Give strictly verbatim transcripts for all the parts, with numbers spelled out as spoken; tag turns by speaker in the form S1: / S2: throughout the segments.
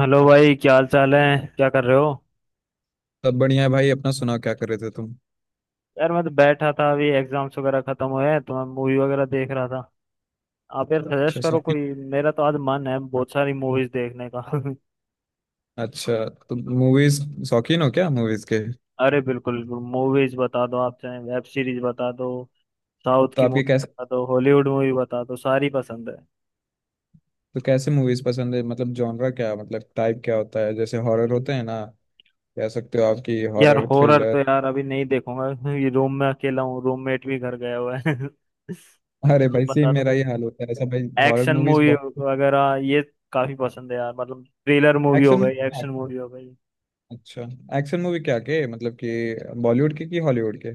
S1: Hello भाई, क्या हाल चाल है? क्या कर रहे हो?
S2: सब बढ़िया है भाई। अपना सुनाओ क्या कर रहे थे तुम।
S1: यार मैं तो बैठा था। अभी एग्जाम्स वगैरह खत्म हुए हैं तो मैं मूवी वगैरह देख रहा था। आप यार
S2: अच्छा,
S1: सजेस्ट करो कोई।
S2: शौकीन।
S1: मेरा तो आज मन है बहुत सारी मूवीज देखने का।
S2: अच्छा। तुम मूवीज शौकीन हो क्या मूवीज के?
S1: अरे बिल्कुल, मूवीज बता दो, आप चाहे वेब सीरीज बता दो, साउथ
S2: तो
S1: की
S2: आपके
S1: मूवी
S2: कैसे,
S1: बता दो, हॉलीवुड मूवी बता दो, सारी पसंद है।
S2: तो कैसे मूवीज पसंद है मतलब जॉनरा क्या, मतलब टाइप क्या होता है जैसे हॉरर होते
S1: हम्म।
S2: हैं ना? कह सकते हो आपकी
S1: यार
S2: हॉरर
S1: हॉरर
S2: थ्रिलर।
S1: तो यार अभी नहीं देखूंगा। ये रूम में अकेला हूँ, रूममेट भी घर गया हुआ है। तो
S2: अरे भाई
S1: आप
S2: सेम
S1: बता
S2: मेरा
S1: दो,
S2: ही हाल होता है ऐसा भाई, हॉरर
S1: एक्शन
S2: मूवीज
S1: मूवी
S2: बहुत।
S1: वगैरह ये काफी पसंद है यार। मतलब थ्रिलर मूवी हो
S2: एक्शन
S1: गई, एक्शन
S2: मूवी,
S1: मूवी हो गई।
S2: अच्छा। एक्शन मूवी क्या के मतलब कि बॉलीवुड के कि हॉलीवुड के?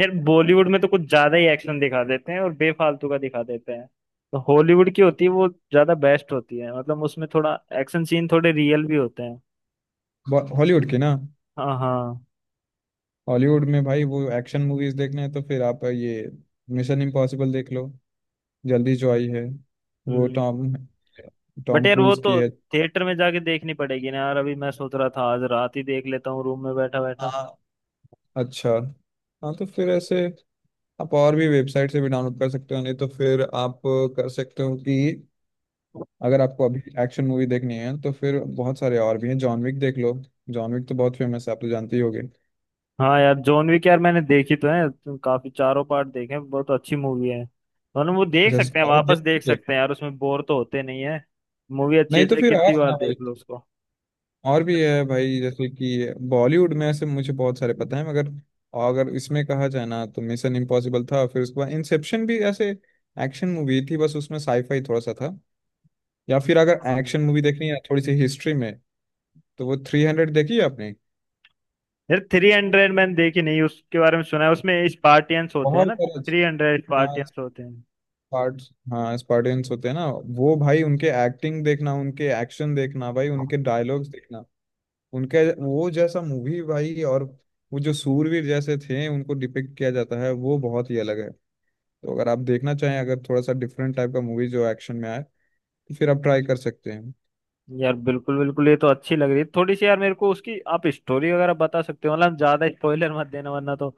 S1: यार बॉलीवुड में तो कुछ ज्यादा ही एक्शन दिखा देते हैं, और बेफालतू का दिखा देते हैं। तो हॉलीवुड की होती है वो ज्यादा बेस्ट होती है, मतलब उसमें थोड़ा एक्शन सीन थोड़े रियल भी होते हैं।
S2: हॉलीवुड की ना।
S1: हाँ हाँ।
S2: हॉलीवुड में भाई वो एक्शन मूवीज देखने हैं तो फिर आप ये मिशन इम्पॉसिबल देख लो, जल्दी जो आई है, वो
S1: हम्म।
S2: टॉम
S1: बट
S2: टॉम
S1: यार वो
S2: क्रूज
S1: तो
S2: की है।
S1: थिएटर में जाके देखनी पड़ेगी ना यार। अभी मैं सोच रहा था आज रात ही देख लेता हूँ रूम में बैठा बैठा।
S2: हाँ। अच्छा। हाँ, तो फिर ऐसे आप और भी वेबसाइट से भी डाउनलोड कर सकते हो, नहीं तो फिर आप कर सकते हो कि अगर आपको अभी एक्शन मूवी देखनी है तो फिर बहुत सारे और भी हैं, जॉन विक देख लो। जॉन विक तो बहुत फेमस है, आप तो जानते ही होगे।
S1: हाँ यार जॉन विक, यार मैंने देखी तो है, तो काफी चारों पार्ट देखे हैं, बहुत अच्छी मूवी है। मतलब वो देख
S2: अच्छा,
S1: सकते हैं,
S2: साउथ
S1: वापस
S2: देख लो
S1: देख
S2: तो।
S1: सकते हैं यार, उसमें बोर तो होते नहीं है। मूवी अच्छी है
S2: नहीं तो
S1: चाहे
S2: फिर आओ
S1: कितनी बार
S2: ना।
S1: देख लो उसको।
S2: और भी है भाई, जैसे कि बॉलीवुड में ऐसे मुझे बहुत सारे पता है, मगर अगर इसमें कहा जाए ना तो मिशन इम्पॉसिबल था, फिर उसके बाद इंसेप्शन भी ऐसे एक्शन मूवी थी, बस उसमें साईफाई थोड़ा सा था। या फिर अगर
S1: हाँ।
S2: एक्शन मूवी देखनी है थोड़ी सी हिस्ट्री में तो वो थ्री हंड्रेड देखी है आपने?
S1: यार थ्री हंड्रेड मैंने देखी नहीं, उसके बारे में सुना है। उसमें स्पार्टियंस होते हैं
S2: बहुत
S1: ना,
S2: सारा अच्छ-
S1: थ्री हंड्रेड
S2: हाँ,
S1: स्पार्टियंस होते हैं।
S2: स्पार्ट। हाँ स्पार्टियंस होते हैं ना, वो भाई उनके एक्टिंग देखना, उनके एक्शन देखना भाई, उनके डायलॉग्स देखना, उनके वो जैसा मूवी भाई। और वो जो सूरवीर जैसे थे उनको डिपिक्ट किया जाता है वो बहुत ही अलग है। तो अगर आप देखना चाहें अगर थोड़ा सा डिफरेंट टाइप का मूवी जो एक्शन में आए तो फिर आप ट्राई कर सकते हैं।
S1: यार बिल्कुल बिल्कुल, ये तो अच्छी लग रही है थोड़ी सी। यार मेरे को उसकी आप स्टोरी वगैरह बता सकते हो, मतलब ज्यादा स्पॉइलर मत देना, वरना तो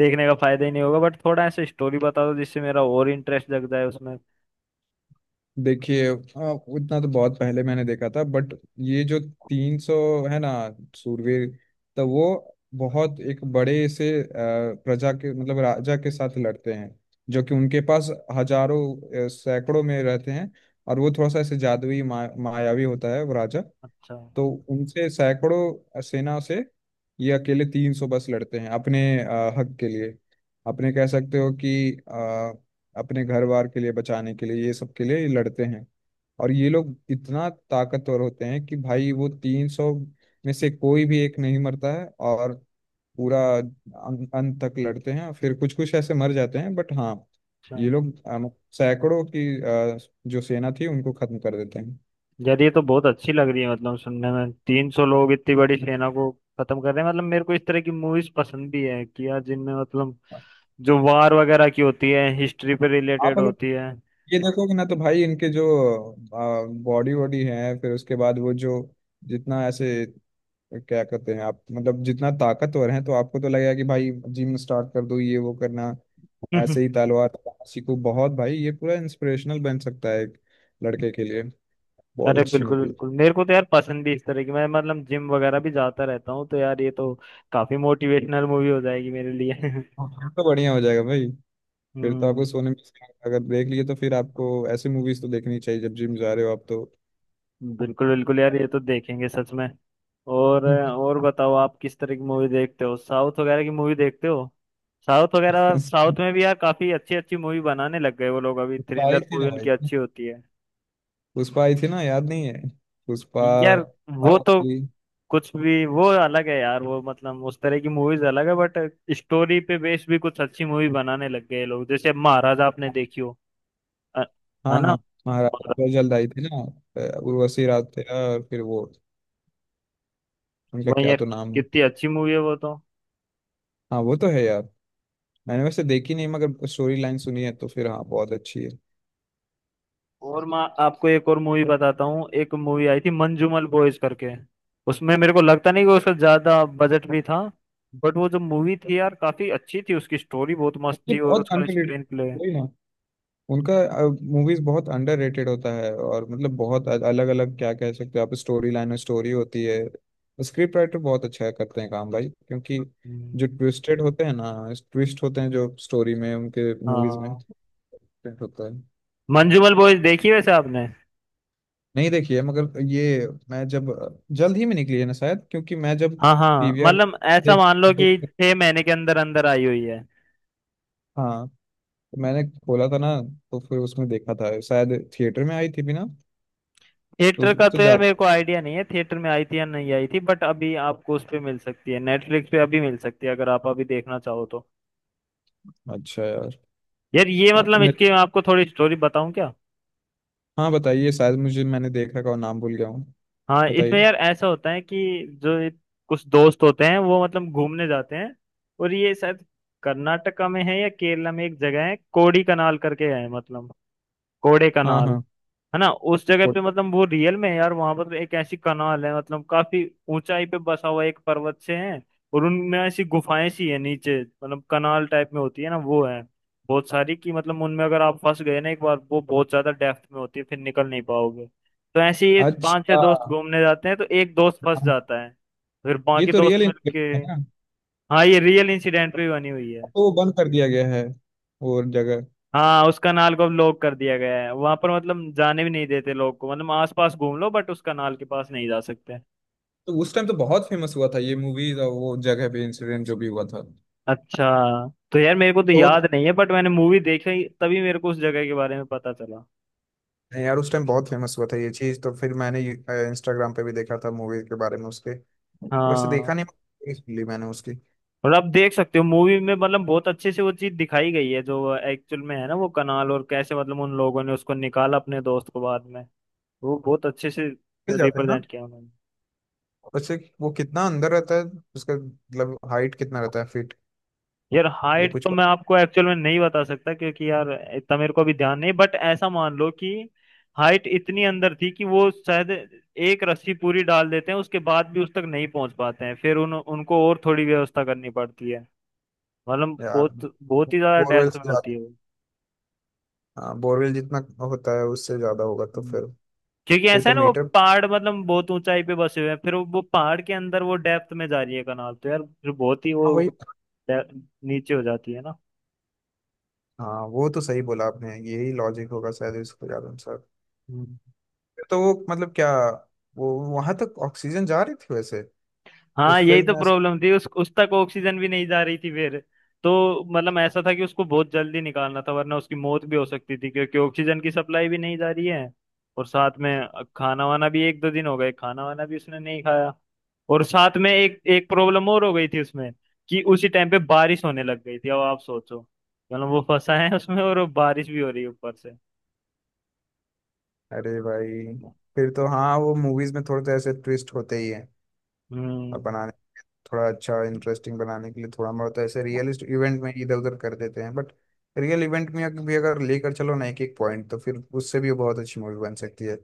S1: देखने का फायदा ही नहीं होगा। बट थोड़ा ऐसे स्टोरी बता दो जिससे मेरा और इंटरेस्ट जग जाए उसमें।
S2: देखिए आ, उतना तो बहुत पहले मैंने देखा था बट ये जो तीन सौ है ना सूरवीर, तो वो बहुत एक बड़े से आ, प्रजा के मतलब राजा के साथ लड़ते हैं, जो कि उनके पास हजारों आ, सैकड़ों में रहते हैं, और वो थोड़ा सा ऐसे जादुई मा, मायावी होता है वो राजा।
S1: अच्छा।
S2: तो उनसे सैकड़ों सेना से ये अकेले तीन सौ बस लड़ते हैं, अपने अ, हक के लिए, अपने कह सकते हो कि अ, अपने घर बार के लिए, बचाने के लिए, ये सब के लिए ये लड़ते हैं। और ये लोग इतना ताकतवर होते हैं कि भाई वो तीन सौ में से कोई भी एक नहीं मरता है। और पूरा अं- अंत तक लड़ते हैं, फिर कुछ कुछ ऐसे मर जाते हैं बट हाँ,
S1: अच्छा।
S2: ये लोग अ, सैकड़ों की अ, जो सेना थी उनको खत्म कर देते हैं।
S1: यार ये तो बहुत अच्छी लग रही है, मतलब सुनने में तीन सौ लोग इतनी बड़ी सेना को खत्म कर रहे हैं। मतलब मेरे को इस तरह की मूवीज पसंद भी है, कि यार जिनमें मतलब जो वार वगैरह की होती है, हिस्ट्री पे
S2: आप
S1: रिलेटेड
S2: अगर
S1: होती है।
S2: ये देखो कि ना तो भाई इनके जो बॉडी वॉडी है, फिर उसके बाद वो जो जितना ऐसे क्या कहते हैं आप, मतलब जितना ताकतवर हैं तो आपको तो लगेगा कि भाई जिम स्टार्ट कर दो, ये वो करना, ऐसे ही तलवार चलाना सीखो, बहुत भाई ये पूरा इंस्पिरेशनल बन सकता है एक लड़के के लिए। बहुत
S1: अरे
S2: अच्छी
S1: बिल्कुल
S2: मूवी है।
S1: बिल्कुल, मेरे को तो यार पसंद भी इस तरह की। मैं मतलब जिम वगैरह भी जाता रहता हूँ, तो यार ये तो काफी मोटिवेशनल मूवी हो जाएगी मेरे लिए।
S2: हाँ, फिर तो बढ़िया हो जाएगा भाई। फिर तो आपको
S1: हम्म।
S2: सोने में इसका- अगर देख लिए तो फिर आपको ऐसी मूवीज तो देखनी चाहिए जब जिम जा रहे हो आप तो।
S1: बिल्कुल बिल्कुल यार, ये तो देखेंगे सच में। और और बताओ, आप किस तरह की मूवी देखते हो? साउथ वगैरह की मूवी देखते हो? साउथ वगैरह,
S2: भाई।
S1: साउथ में भी यार काफी अच्छी अच्छी मूवी बनाने लग गए वो लोग। अभी
S2: क्या ही
S1: थ्रिलर
S2: थी ना
S1: मूवी उनकी
S2: भाई,
S1: अच्छी होती है।
S2: पुष्पा आई थी ना याद नहीं है, पुष्पा।
S1: यार वो
S2: आओ
S1: तो
S2: की।
S1: कुछ भी, वो अलग है यार। वो मतलब उस तरह की मूवीज अलग है, बट स्टोरी पे बेस भी कुछ अच्छी मूवी बनाने लग गए लोग, जैसे महाराजा आपने देखी हो? अ- है
S2: हाँ
S1: ना?
S2: हाँ। महाराज
S1: महाराज-
S2: पर जल्द आई थी ना, अ, उर्वशी राठिया और फिर वो, उनका
S1: वही
S2: क्या
S1: यार,
S2: तो नाम है।
S1: कितनी अच्छी मूवी है वो तो।
S2: हाँ वो तो है यार, मैंने वैसे देखी नहीं मगर स्टोरी लाइन सुनी है, तो फिर हाँ बहुत अच्छी है।
S1: और मैं आपको एक और मूवी बताता हूँ। एक मूवी आई थी मंजूमल बॉयज करके। उसमें मेरे को लगता नहीं कि उसका ज्यादा बजट भी था, बट वो जो मूवी थी यार काफी अच्छी थी, उसकी स्टोरी बहुत मस्त
S2: ये
S1: थी और
S2: बहुत
S1: उसका
S2: अनरिलेटेड,
S1: स्क्रीन प्ले।
S2: वही ना उनका। मूवीज बहुत अंडररेटेड होता है और मतलब बहुत अलग अलग क्या कह सकते हो आप, स्टोरी लाइन और स्टोरी होती है। स्क्रिप्ट राइटर बहुत अच्छा करते हैं काम भाई, क्योंकि जो ट्विस्टेड होते हैं ना, ट्विस्ट होते हैं जो स्टोरी में उनके मूवीज में
S1: हाँ,
S2: ट्विस्ट होता है।
S1: मंजूमल बॉयज देखी वैसे आपने?
S2: नहीं देखी है मगर ये मैं जब जल्द ही में निकली है ना शायद, क्योंकि मैं जब
S1: हाँ हाँ,
S2: पी वी आर
S1: मतलब ऐसा
S2: देख,
S1: मान लो कि छह महीने के अंदर अंदर आई हुई है।
S2: हाँ तो मैंने खोला था ना तो फिर उसमें देखा था, शायद थिएटर में आई थी भी ना। तो
S1: थिएटर
S2: उस
S1: का
S2: तो
S1: तो यार मेरे
S2: ज्यादा,
S1: को आइडिया नहीं है, थिएटर में आई थी या नहीं आई थी, बट अभी आपको उस पे मिल सकती है, नेटफ्लिक्स पे अभी मिल सकती है अगर आप अभी देखना चाहो तो।
S2: अच्छा यार।
S1: यार ये,
S2: हाँ तो,
S1: मतलब इसकी मैं आपको थोड़ी स्टोरी बताऊं क्या?
S2: हाँ बताइए शायद मुझे, मैंने देख रखा और नाम भूल गया हूँ।
S1: हाँ, इसमें
S2: बताइए।
S1: यार ऐसा होता है कि जो ये कुछ दोस्त होते हैं वो मतलब घूमने जाते हैं, और ये शायद कर्नाटका में है या केरला में, एक जगह है कोड़ी कनाल करके है, मतलब कोड़े
S2: हाँ
S1: कनाल।
S2: हाँ।
S1: है ना? उस जगह
S2: वो-
S1: पे, मतलब वो रियल में है यार। वहां पर एक ऐसी कनाल है, मतलब काफी ऊंचाई पे बसा हुआ एक पर्वत से है, और उनमें ऐसी गुफाएं सी है नीचे, मतलब कनाल टाइप में होती है ना वो, है बहुत सारी की। मतलब उनमें अगर आप फंस गए ना एक बार, वो बहुत ज्यादा डेप्थ में होती है, फिर निकल नहीं पाओगे। तो ऐसे ही पांच छह
S2: अच्छा।
S1: दोस्त घूमने जाते हैं तो एक दोस्त फंस
S2: हाँ,
S1: जाता है। फिर
S2: ये
S1: बाकी
S2: तो
S1: दोस्त
S2: रियल
S1: मिलके।
S2: इन्फ्लेशन है ना।
S1: हाँ, ये रियल इंसिडेंट पे बनी हुई
S2: अब
S1: है।
S2: तो वो बंद कर दिया गया है वो जगह।
S1: हाँ, उस कनाल को अब लॉक कर दिया गया है। वहां पर मतलब जाने भी नहीं देते लोग को, मतलब आसपास घूम लो बट उस कनाल के पास नहीं जा सकते।
S2: तो उस टाइम तो बहुत फेमस हुआ था ये मूवीज और वो जगह पे इंसिडेंट जो भी हुआ था, तो
S1: अच्छा। तो यार मेरे को तो
S2: वो तो-
S1: याद नहीं है, बट मैंने मूवी देखी तभी मेरे को उस जगह के बारे में पता चला।
S2: यार उस टाइम बहुत फेमस हुआ था ये चीज, तो फिर मैंने इंस्टाग्राम पे भी देखा था मूवी के बारे में उसके, वैसे देखा
S1: हाँ।
S2: नहीं movies मिली मैंने उसकी।
S1: और आप देख सकते हो मूवी में, मतलब बहुत अच्छे से वो चीज दिखाई गई है जो एक्चुअल में है ना, वो कनाल, और कैसे मतलब उन लोगों ने उसको निकाला अपने दोस्त को बाद में, वो बहुत अच्छे से
S2: मिल जाते हैं ना
S1: रिप्रेजेंट किया उन्होंने।
S2: वैसे, वो कितना अंदर रहता है उसका मतलब हाइट कितना रहता है फीट?
S1: यार
S2: ये
S1: हाइट
S2: कुछ
S1: तो मैं
S2: पता-
S1: आपको एक्चुअल में नहीं बता सकता क्योंकि यार इतना मेरे को अभी ध्यान नहीं। बट ऐसा मान लो कि हाइट इतनी अंदर थी कि वो शायद एक रस्सी पूरी डाल देते हैं उसके बाद भी उस तक नहीं पहुंच पाते हैं, फिर उन उनको और थोड़ी व्यवस्था करनी पड़ती है। मतलब
S2: यार
S1: बहुत बहुत ही ज्यादा
S2: बोरवेल,
S1: डेप्थ में होती है वो।
S2: हाँ बोरवेल जितना होता है उससे ज्यादा होगा तो
S1: हम्म।
S2: फिर
S1: क्योंकि
S2: फिर
S1: ऐसा
S2: तो
S1: है ना, वो
S2: मीटर,
S1: पहाड़ मतलब बहुत ऊंचाई पे बसे हुए हैं, फिर वो वो पहाड़ के अंदर वो डेप्थ में जा रही है कनाल, तो यार फिर बहुत ही वो
S2: हाँ वही।
S1: डे- नीचे हो जाती है
S2: हाँ वो तो सही बोला आपने यही लॉजिक होगा शायद इसको ज्यादा अनुसार।
S1: ना।
S2: फिर तो वो मतलब क्या, वो वहां तक ऑक्सीजन जा रही थी वैसे?
S1: हाँ,
S2: उस
S1: यही
S2: फिल्म
S1: तो
S2: में ऐसा-
S1: प्रॉब्लम थी, उस उस तक ऑक्सीजन भी नहीं जा रही थी फिर। तो मतलब ऐसा था कि उसको बहुत जल्दी निकालना था, वरना उसकी मौत भी हो सकती थी, क्योंकि ऑक्सीजन की सप्लाई भी नहीं जा रही है। और साथ में खाना वाना भी, एक दो दिन हो गए खाना वाना भी उसने नहीं खाया। और साथ में एक एक प्रॉब्लम और हो गई थी उसमें, कि उसी टाइम पे बारिश होने लग गई थी। अब आप सोचो, मतलब वो फंसा है उसमें और वो बारिश भी हो रही है ऊपर से।
S2: अरे भाई, फिर तो हाँ वो मूवीज में थोड़े तो ऐसे ट्विस्ट होते ही हैं। और
S1: हम्म।
S2: बनाने, थोड़ा अच्छा इंटरेस्टिंग बनाने के लिए थोड़ा बहुत ऐसे रियलिस्ट इवेंट में इधर उधर कर देते हैं बट रियल इवेंट में अगर- भी अगर लेकर चलो ना एक एक पॉइंट तो फिर उससे भी बहुत अच्छी मूवी बन सकती है।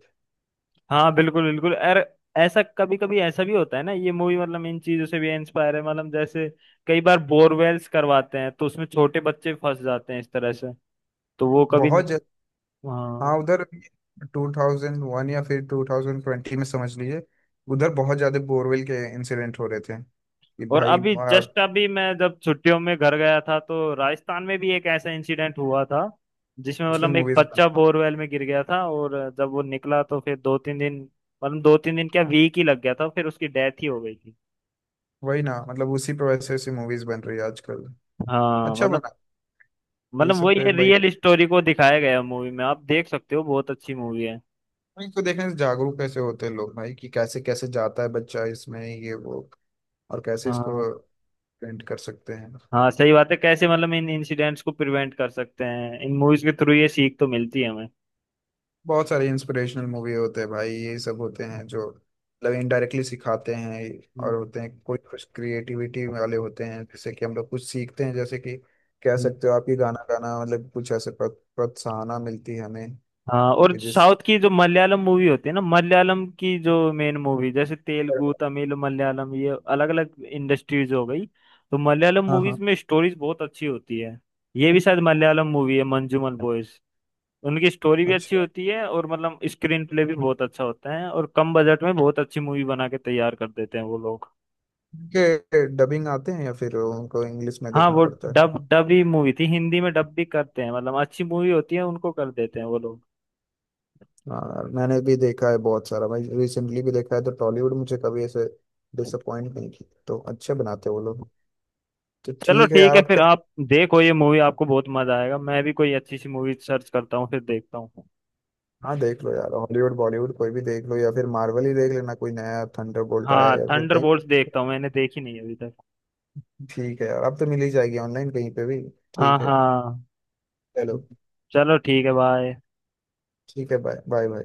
S1: हाँ बिल्कुल बिल्कुल। अरे ऐसा कभी कभी ऐसा भी होता है ना, ये मूवी मतलब इन चीजों से भी इंस्पायर है, मतलब जैसे कई बार बोरवेल्स करवाते हैं तो उसमें छोटे बच्चे फंस जाते हैं इस तरह से, तो वो कभी।
S2: बहुत, हाँ
S1: हाँ,
S2: उधर टू थाउजेंड वन या फिर टू थाउजेंड ट्वेंटी में समझ लीजिए, उधर बहुत ज्यादा बोरवेल के इंसिडेंट हो रहे थे कि
S1: और
S2: भाई
S1: अभी
S2: आ,
S1: जस्ट अभी मैं जब छुट्टियों में घर गया था तो राजस्थान में भी एक ऐसा इंसिडेंट हुआ था, जिसमें
S2: उस पे
S1: मतलब एक
S2: मूवीज बन,
S1: बच्चा बोरवेल में गिर गया था, और जब वो निकला तो फिर दो तीन दिन, मतलब दो तीन दिन क्या वीक ही लग गया था, फिर उसकी डेथ ही हो गई थी।
S2: वही ना, मतलब उसी पे वैसे ऐसी मूवीज बन रही है आजकल।
S1: हाँ
S2: अच्छा,
S1: मतलब,
S2: बना। ये
S1: मतलब
S2: सब
S1: वही
S2: पे
S1: है,
S2: भाई,
S1: रियल स्टोरी को दिखाया गया मूवी में। आप देख सकते हो, बहुत अच्छी मूवी है।
S2: इनको देखने से जागरूक कैसे होते हैं लोग भाई, कि कैसे कैसे जाता है बच्चा, इसमें ये वो और कैसे
S1: हाँ
S2: इसको पेंट कर सकते हैं।
S1: हाँ सही बात है, कैसे मतलब इन इंसिडेंट्स को प्रिवेंट कर सकते हैं, इन मूवीज के थ्रू ये सीख तो मिलती है हमें।
S2: बहुत सारे इंस्पिरेशनल मूवी होते हैं भाई, ये सब होते हैं जो मतलब इनडायरेक्टली सिखाते हैं। और
S1: हम्म,
S2: होते हैं कोई कुछ क्रिएटिविटी वाले होते हैं, जैसे कि हम लोग कुछ सीखते हैं, जैसे कि कह
S1: हम्म।
S2: सकते हो आप ही गाना गाना मतलब कुछ ऐसे प्रो- प्रोत्साहना मिलती है हमें।
S1: हाँ, और
S2: कि जिस,
S1: साउथ की जो मलयालम मूवी होती है ना, मलयालम की जो मेन मूवी, जैसे तेलुगु तमिल मलयालम ये अलग अलग इंडस्ट्रीज हो गई, तो मलयालम
S2: हाँ हाँ।
S1: मूवीज में स्टोरीज बहुत अच्छी होती है। ये भी शायद मलयालम मूवी है मंजूमल बॉयज। उनकी स्टोरी भी अच्छी
S2: अच्छा,
S1: होती है और मतलब स्क्रीन प्ले भी बहुत अच्छा होता है, और कम बजट में बहुत अच्छी मूवी बना के तैयार कर देते हैं वो लोग।
S2: के डबिंग आते हैं या फिर उनको इंग्लिश में
S1: हाँ
S2: देखना
S1: वो
S2: पड़ता है?
S1: डब, डब ही मूवी थी। हिंदी में डब भी करते हैं, मतलब अच्छी मूवी होती है उनको कर देते हैं वो लोग।
S2: हाँ मैंने भी देखा है बहुत सारा भाई, रिसेंटली भी देखा है तो टॉलीवुड मुझे कभी ऐसे डिसअपॉइंट नहीं की, तो अच्छे बनाते हैं वो लोग। तो
S1: चलो
S2: ठीक है
S1: ठीक
S2: यार,
S1: है,
S2: आप
S1: फिर
S2: क्या।
S1: आप देखो ये मूवी, आपको बहुत मजा आएगा। मैं भी कोई अच्छी सी मूवी सर्च करता हूँ फिर देखता हूँ।
S2: हाँ देख लो यार, हॉलीवुड बॉलीवुड कोई भी देख लो, या फिर मार्वल ही देख लेना, कोई नया थंडरबोल्ट आया
S1: हाँ
S2: है या फिर कहीं।
S1: थंडरबोल्ट्स देखता हूँ, मैंने देखी नहीं अभी तक।
S2: ठीक है यार अब तो मिल ही जाएगी ऑनलाइन कहीं पे भी।
S1: हाँ
S2: ठीक है,
S1: हाँ।
S2: चलो।
S1: चलो ठीक है, बाय।
S2: ठीक है बाय बाय बाय।